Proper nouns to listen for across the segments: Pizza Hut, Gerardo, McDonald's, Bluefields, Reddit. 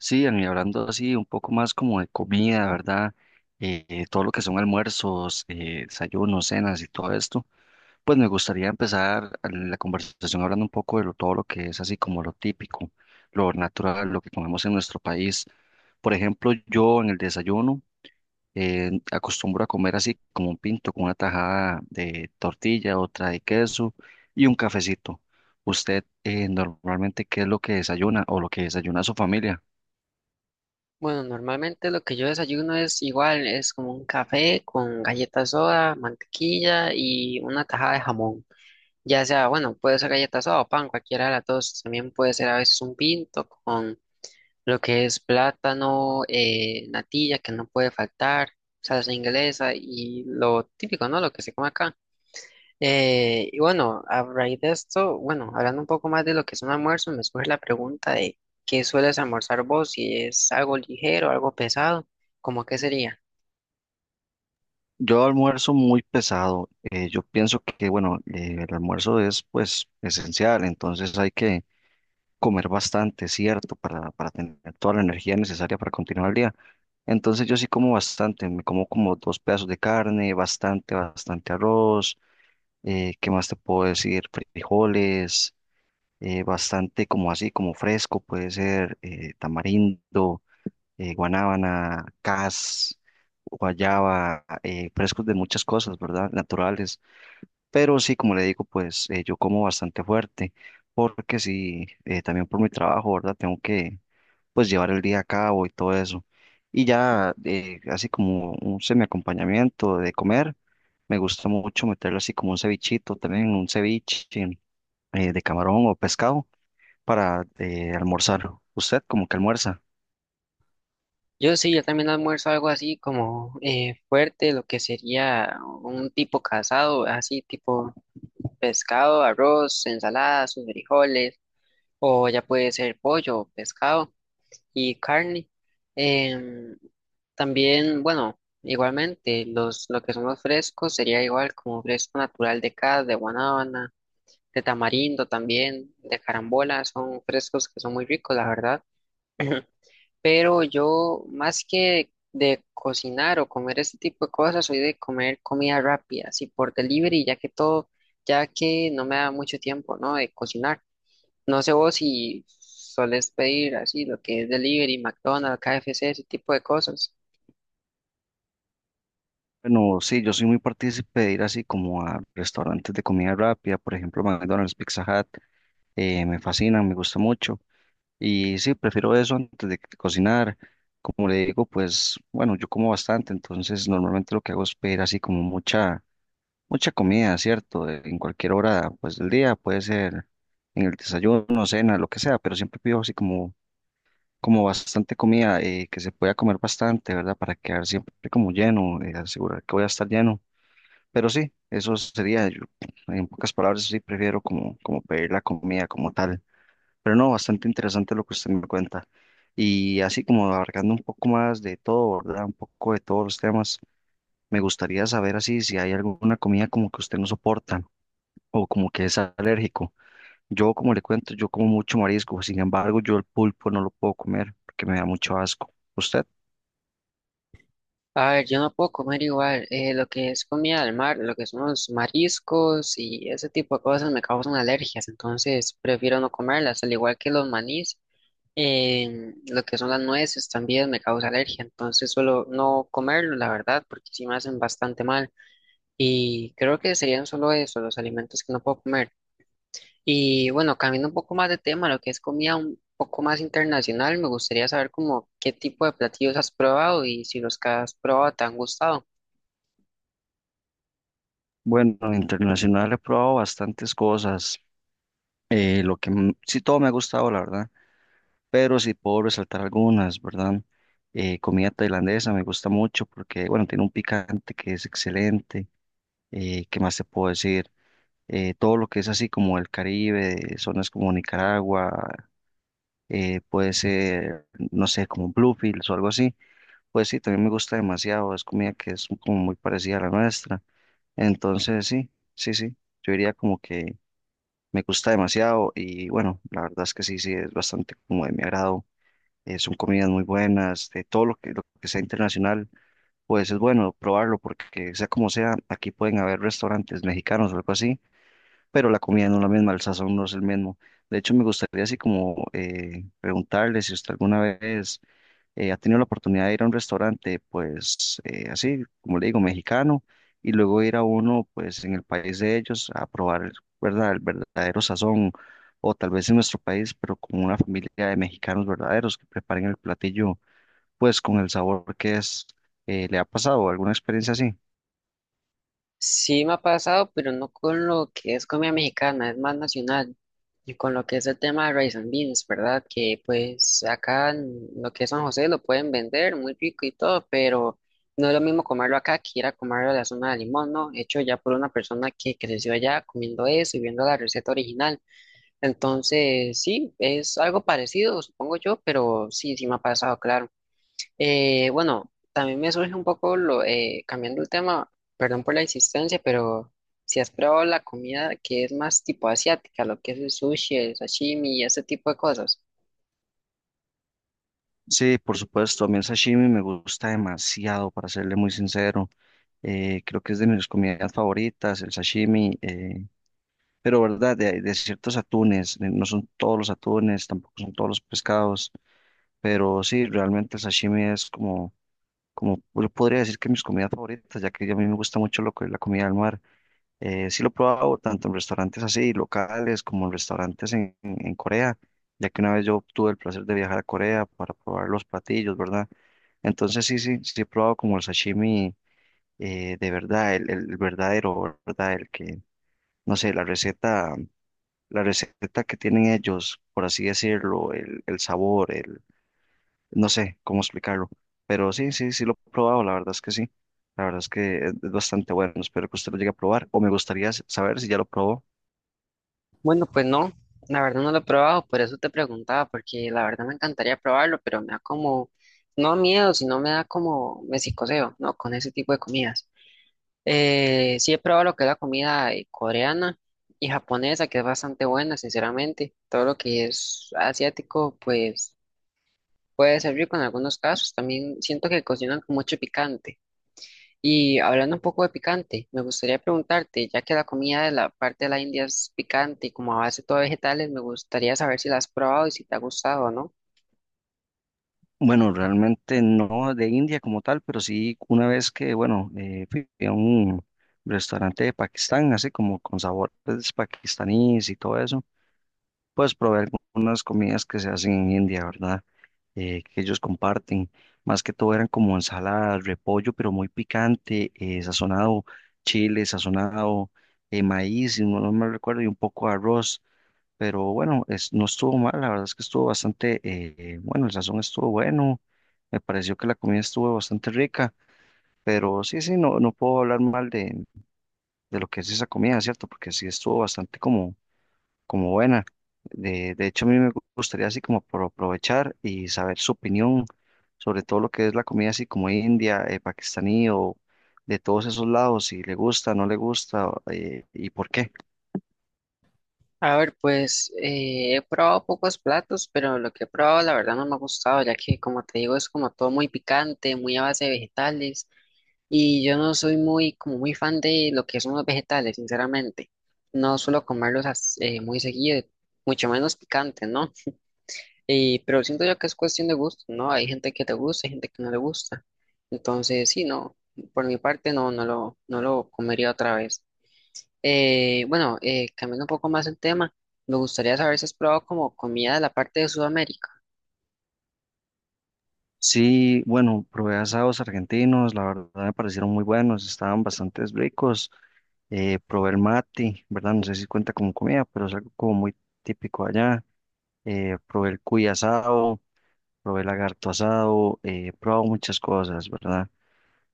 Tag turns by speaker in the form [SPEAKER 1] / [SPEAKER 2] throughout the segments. [SPEAKER 1] Sí, Ian, y hablando así un poco más como de comida, ¿verdad? Todo lo que son almuerzos, desayunos, cenas y todo esto, pues me gustaría empezar la conversación hablando un poco de todo lo que es así como lo típico, lo natural, lo que comemos en nuestro país. Por ejemplo, yo en el desayuno acostumbro a comer así como un pinto, con una tajada de tortilla, otra de queso y un cafecito. ¿Usted normalmente qué es lo que desayuna o lo que desayuna su familia?
[SPEAKER 2] Bueno, normalmente lo que yo desayuno es igual, es como un café con galleta soda, mantequilla y una tajada de jamón. Ya sea, bueno, puede ser galleta soda o pan, cualquiera de las dos. También puede ser a veces un pinto con lo que es plátano, natilla, que no puede faltar, salsa inglesa y lo típico, ¿no? Lo que se come acá. Y bueno, a raíz de esto, bueno, hablando un poco más de lo que es un almuerzo, me surge la pregunta de ¿qué sueles almorzar vos? Si es algo ligero, algo pesado, ¿cómo qué sería?
[SPEAKER 1] Yo almuerzo muy pesado. Yo pienso que, bueno, el almuerzo es pues esencial, entonces hay que comer bastante, ¿cierto? Para tener toda la energía necesaria para continuar el día. Entonces yo sí como bastante, me como como dos pedazos de carne, bastante, bastante arroz, ¿qué más te puedo decir? Frijoles, bastante como así, como fresco, puede ser tamarindo, guanábana, cas, guayaba, frescos de muchas cosas, ¿verdad? Naturales. Pero sí, como le digo, pues yo como bastante fuerte, porque sí, también por mi trabajo, ¿verdad? Tengo que, pues, llevar el día a cabo y todo eso. Y ya, así como un semiacompañamiento de comer, me gusta mucho meterlo así como un cevichito, también un ceviche de camarón o pescado para almorzar. ¿Usted como que almuerza?
[SPEAKER 2] Yo sí, yo también almuerzo algo así como fuerte, lo que sería un tipo casado, así tipo pescado, arroz, ensalada, sus frijoles, o ya puede ser pollo, o pescado. Y carne. Em, También, bueno, igualmente, lo que son los frescos sería igual como fresco natural de cas, de guanábana, de tamarindo también, de carambola, son frescos que son muy ricos, la verdad. Pero yo, más que de cocinar o comer ese tipo de cosas, soy de comer comida rápida, así por delivery, ya que no me da mucho tiempo, ¿no? De cocinar. No sé vos si solés pedir así lo que es delivery, McDonald's, KFC, ese tipo de cosas.
[SPEAKER 1] Bueno, sí, yo soy muy partícipe de ir así como a restaurantes de comida rápida, por ejemplo, McDonald's, Pizza Hut, me fascinan, me gusta mucho. Y sí, prefiero eso antes de que cocinar. Como le digo, pues bueno, yo como bastante, entonces normalmente lo que hago es pedir así como mucha comida, ¿cierto? En cualquier hora, pues del día, puede ser en el desayuno, cena, lo que sea, pero siempre pido así como, como bastante comida, que se pueda comer bastante, ¿verdad? Para quedar siempre como lleno, asegurar que voy a estar lleno. Pero sí, eso sería, yo, en pocas palabras, sí prefiero como, como pedir la comida como tal. Pero no, bastante interesante lo que usted me cuenta. Y así como abarcando un poco más de todo, ¿verdad? Un poco de todos los temas, me gustaría saber así si hay alguna comida como que usted no soporta o como que es alérgico. Yo, como le cuento, yo como mucho marisco, sin embargo, yo el pulpo no lo puedo comer porque me da mucho asco. ¿Usted?
[SPEAKER 2] A ver, yo no puedo comer igual. Lo que es comida del mar, lo que son los mariscos y ese tipo de cosas me causan alergias, entonces prefiero no comerlas, al igual que los manís. Lo que son las nueces también me causa alergia, entonces suelo no comerlo, la verdad, porque sí me hacen bastante mal. Y creo que serían solo eso, los alimentos que no puedo comer. Y bueno, cambiando un poco más de tema, lo que es comida un poco más internacional, me gustaría saber como qué tipo de platillos has probado y si los que has probado te han gustado.
[SPEAKER 1] Bueno, internacional he probado bastantes cosas. Lo que sí todo me ha gustado, la verdad, pero sí puedo resaltar algunas, ¿verdad? Comida tailandesa me gusta mucho porque, bueno, tiene un picante que es excelente. ¿Qué más te puedo decir? Todo lo que es así como el Caribe, zonas como Nicaragua, puede ser, no sé, como Bluefields o algo así. Pues sí, también me gusta demasiado, es comida que es como muy parecida a la nuestra. Entonces, sí, sí, sí, yo diría como que me gusta demasiado y bueno, la verdad es que sí, sí, es bastante como de mi agrado. Son comidas muy buenas, de todo lo que sea internacional, pues es bueno probarlo porque sea como sea, aquí pueden haber restaurantes mexicanos o algo así, pero la comida no es la misma, el sazón no es el mismo. De hecho, me gustaría así como preguntarle si usted alguna vez ha tenido la oportunidad de ir a un restaurante, pues así, como le digo, mexicano, y luego ir a uno, pues en el país de ellos, a probar, ¿verdad?, el verdadero sazón, o tal vez en nuestro país, pero con una familia de mexicanos verdaderos que preparen el platillo, pues con el sabor que es. ¿Le ha pasado alguna experiencia así?
[SPEAKER 2] Sí me ha pasado, pero no con lo que es comida mexicana, es más nacional. Y con lo que es el tema de rice and beans, ¿verdad? Que pues acá en lo que es San José lo pueden vender muy rico y todo, pero no es lo mismo comerlo acá que ir a comerlo a la zona de Limón, ¿no? Hecho ya por una persona que creció allá comiendo eso y viendo la receta original. Entonces, sí, es algo parecido, supongo yo, pero sí, sí me ha pasado, claro. Bueno, también me surge un poco lo, cambiando el tema, perdón por la insistencia, pero si has probado la comida que es más tipo asiática, lo que es el sushi, el sashimi y ese tipo de cosas.
[SPEAKER 1] Sí, por supuesto, a mí el sashimi me gusta demasiado, para serle muy sincero. Creo que es de mis comidas favoritas, el sashimi. Pero verdad, de ciertos atunes, no son todos los atunes, tampoco son todos los pescados, pero sí, realmente el sashimi es como, como yo podría decir que mis comidas favoritas, ya que a mí me gusta mucho la comida del mar. Sí lo he probado tanto en restaurantes así, locales, como en restaurantes en Corea, ya que una vez yo tuve el placer de viajar a Corea para probar los platillos, ¿verdad? Entonces sí, sí, sí he probado como el sashimi, de verdad, el verdadero, ¿verdad? El que, no sé, la receta que tienen ellos, por así decirlo, el sabor, no sé cómo explicarlo, pero sí, sí, sí lo he probado, la verdad es que sí, la verdad es que es bastante bueno, espero que usted lo llegue a probar, o me gustaría saber si ya lo probó.
[SPEAKER 2] Bueno, pues no, la verdad no lo he probado, por eso te preguntaba, porque la verdad me encantaría probarlo, pero me da como, no miedo, sino me da como, me psicoseo, ¿no? Con ese tipo de comidas. Sí he probado lo que es la comida coreana y japonesa, que es bastante buena, sinceramente. Todo lo que es asiático, pues puede ser rico en algunos casos. También siento que cocinan con mucho picante. Y hablando un poco de picante, me gustaría preguntarte, ya que la comida de la parte de la India es picante y como a base todo vegetales, me gustaría saber si la has probado y si te ha gustado o no.
[SPEAKER 1] Bueno, realmente no de India como tal, pero sí una vez que, bueno, fui a un restaurante de Pakistán, así como con sabores pakistaníes y todo eso, pues probé algunas comidas que se hacen en India, ¿verdad? Que ellos comparten. Más que todo eran como ensaladas, repollo, pero muy picante, sazonado, chile, sazonado, maíz, si no, no me recuerdo, y un poco de arroz. Pero bueno, es, no estuvo mal, la verdad es que estuvo bastante, bueno, el sazón estuvo bueno, me pareció que la comida estuvo bastante rica, pero sí, sí, no, no puedo hablar mal de lo que es esa comida, ¿cierto? Porque sí estuvo bastante como como buena. De hecho, a mí me gustaría así como por aprovechar y saber su opinión sobre todo lo que es la comida así como india, pakistaní o de todos esos lados, si le gusta, no le gusta, y por qué.
[SPEAKER 2] A ver, pues he probado pocos platos, pero lo que he probado la verdad no me ha gustado, ya que como te digo es como todo muy picante, muy a base de vegetales y yo no soy muy como muy fan de lo que son los vegetales, sinceramente. No suelo comerlos muy seguido, mucho menos picante, ¿no? Y, pero siento yo que es cuestión de gusto, ¿no? Hay gente que te gusta, hay gente que no le gusta. Entonces, sí, no, por mi parte no, no lo comería otra vez. Bueno, cambiando un poco más el tema, me gustaría saber si has probado como comida de la parte de Sudamérica.
[SPEAKER 1] Sí, bueno, probé asados argentinos, la verdad me parecieron muy buenos, estaban bastante ricos. Probé el mati, ¿verdad? No sé si cuenta como comida, pero es algo como muy típico allá. Probé el cuy asado, probé el lagarto asado, he probado muchas cosas, ¿verdad?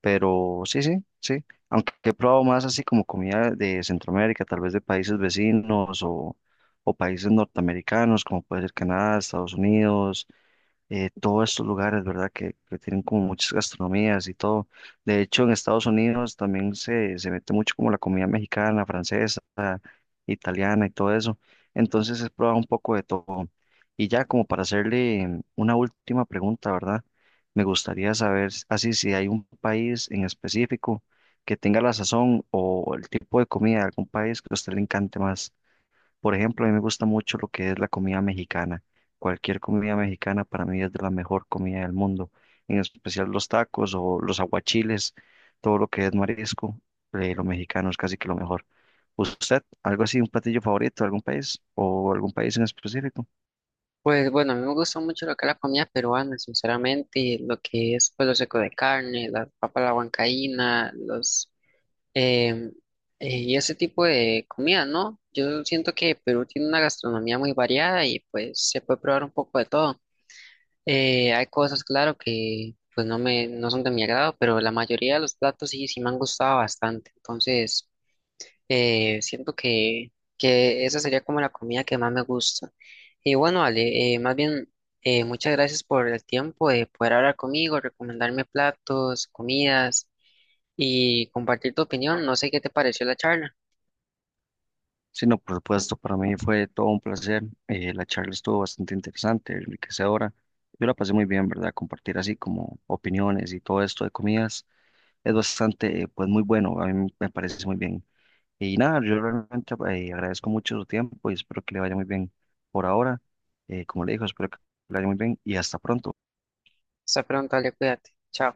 [SPEAKER 1] Pero sí, sí, sí. Aunque he probado más así como comida de Centroamérica, tal vez de países vecinos o países norteamericanos, como puede ser Canadá, Estados Unidos, todos estos lugares, ¿verdad? Que tienen como muchas gastronomías y todo. De hecho, en Estados Unidos también se mete mucho como la comida mexicana, francesa, italiana y todo eso. Entonces he probado un poco de todo. Y ya como para hacerle una última pregunta, ¿verdad? Me gustaría saber así si hay un país en específico que tenga la sazón o el tipo de comida de algún país que a usted le encante más. Por ejemplo, a mí me gusta mucho lo que es la comida mexicana. Cualquier comida mexicana para mí es de la mejor comida del mundo, en especial los tacos o los aguachiles, todo lo que es marisco, lo mexicano es casi que lo mejor. ¿Usted, algo así, un platillo favorito de algún país o algún país en específico?
[SPEAKER 2] Pues bueno, a mí me gusta mucho lo que es la comida peruana, sinceramente, lo que es pues, lo seco de carne, la papa a la huancaína, los em, y ese tipo de comida, ¿no? Yo siento que Perú tiene una gastronomía muy variada y pues se puede probar un poco de todo. Hay cosas, claro, que pues no son de mi agrado, pero la mayoría de los platos sí, sí me han gustado bastante. Entonces Eh, siento que, que esa sería como la comida que más me gusta. Y bueno, Ale, más bien, muchas gracias por el tiempo de poder hablar conmigo, recomendarme platos, comidas y compartir tu opinión. No sé qué te pareció la charla.
[SPEAKER 1] Sí, no, por supuesto, para mí fue todo un placer. La charla estuvo bastante interesante, enriquecedora. Yo la pasé muy bien, ¿verdad? Compartir así como opiniones y todo esto de comidas es bastante, pues muy bueno, a mí me parece muy bien. Y nada, yo realmente agradezco mucho su tiempo y espero que le vaya muy bien por ahora. Como le digo, espero que le vaya muy bien y hasta pronto.
[SPEAKER 2] Hasta pronto, Ale, cuídate. Chao.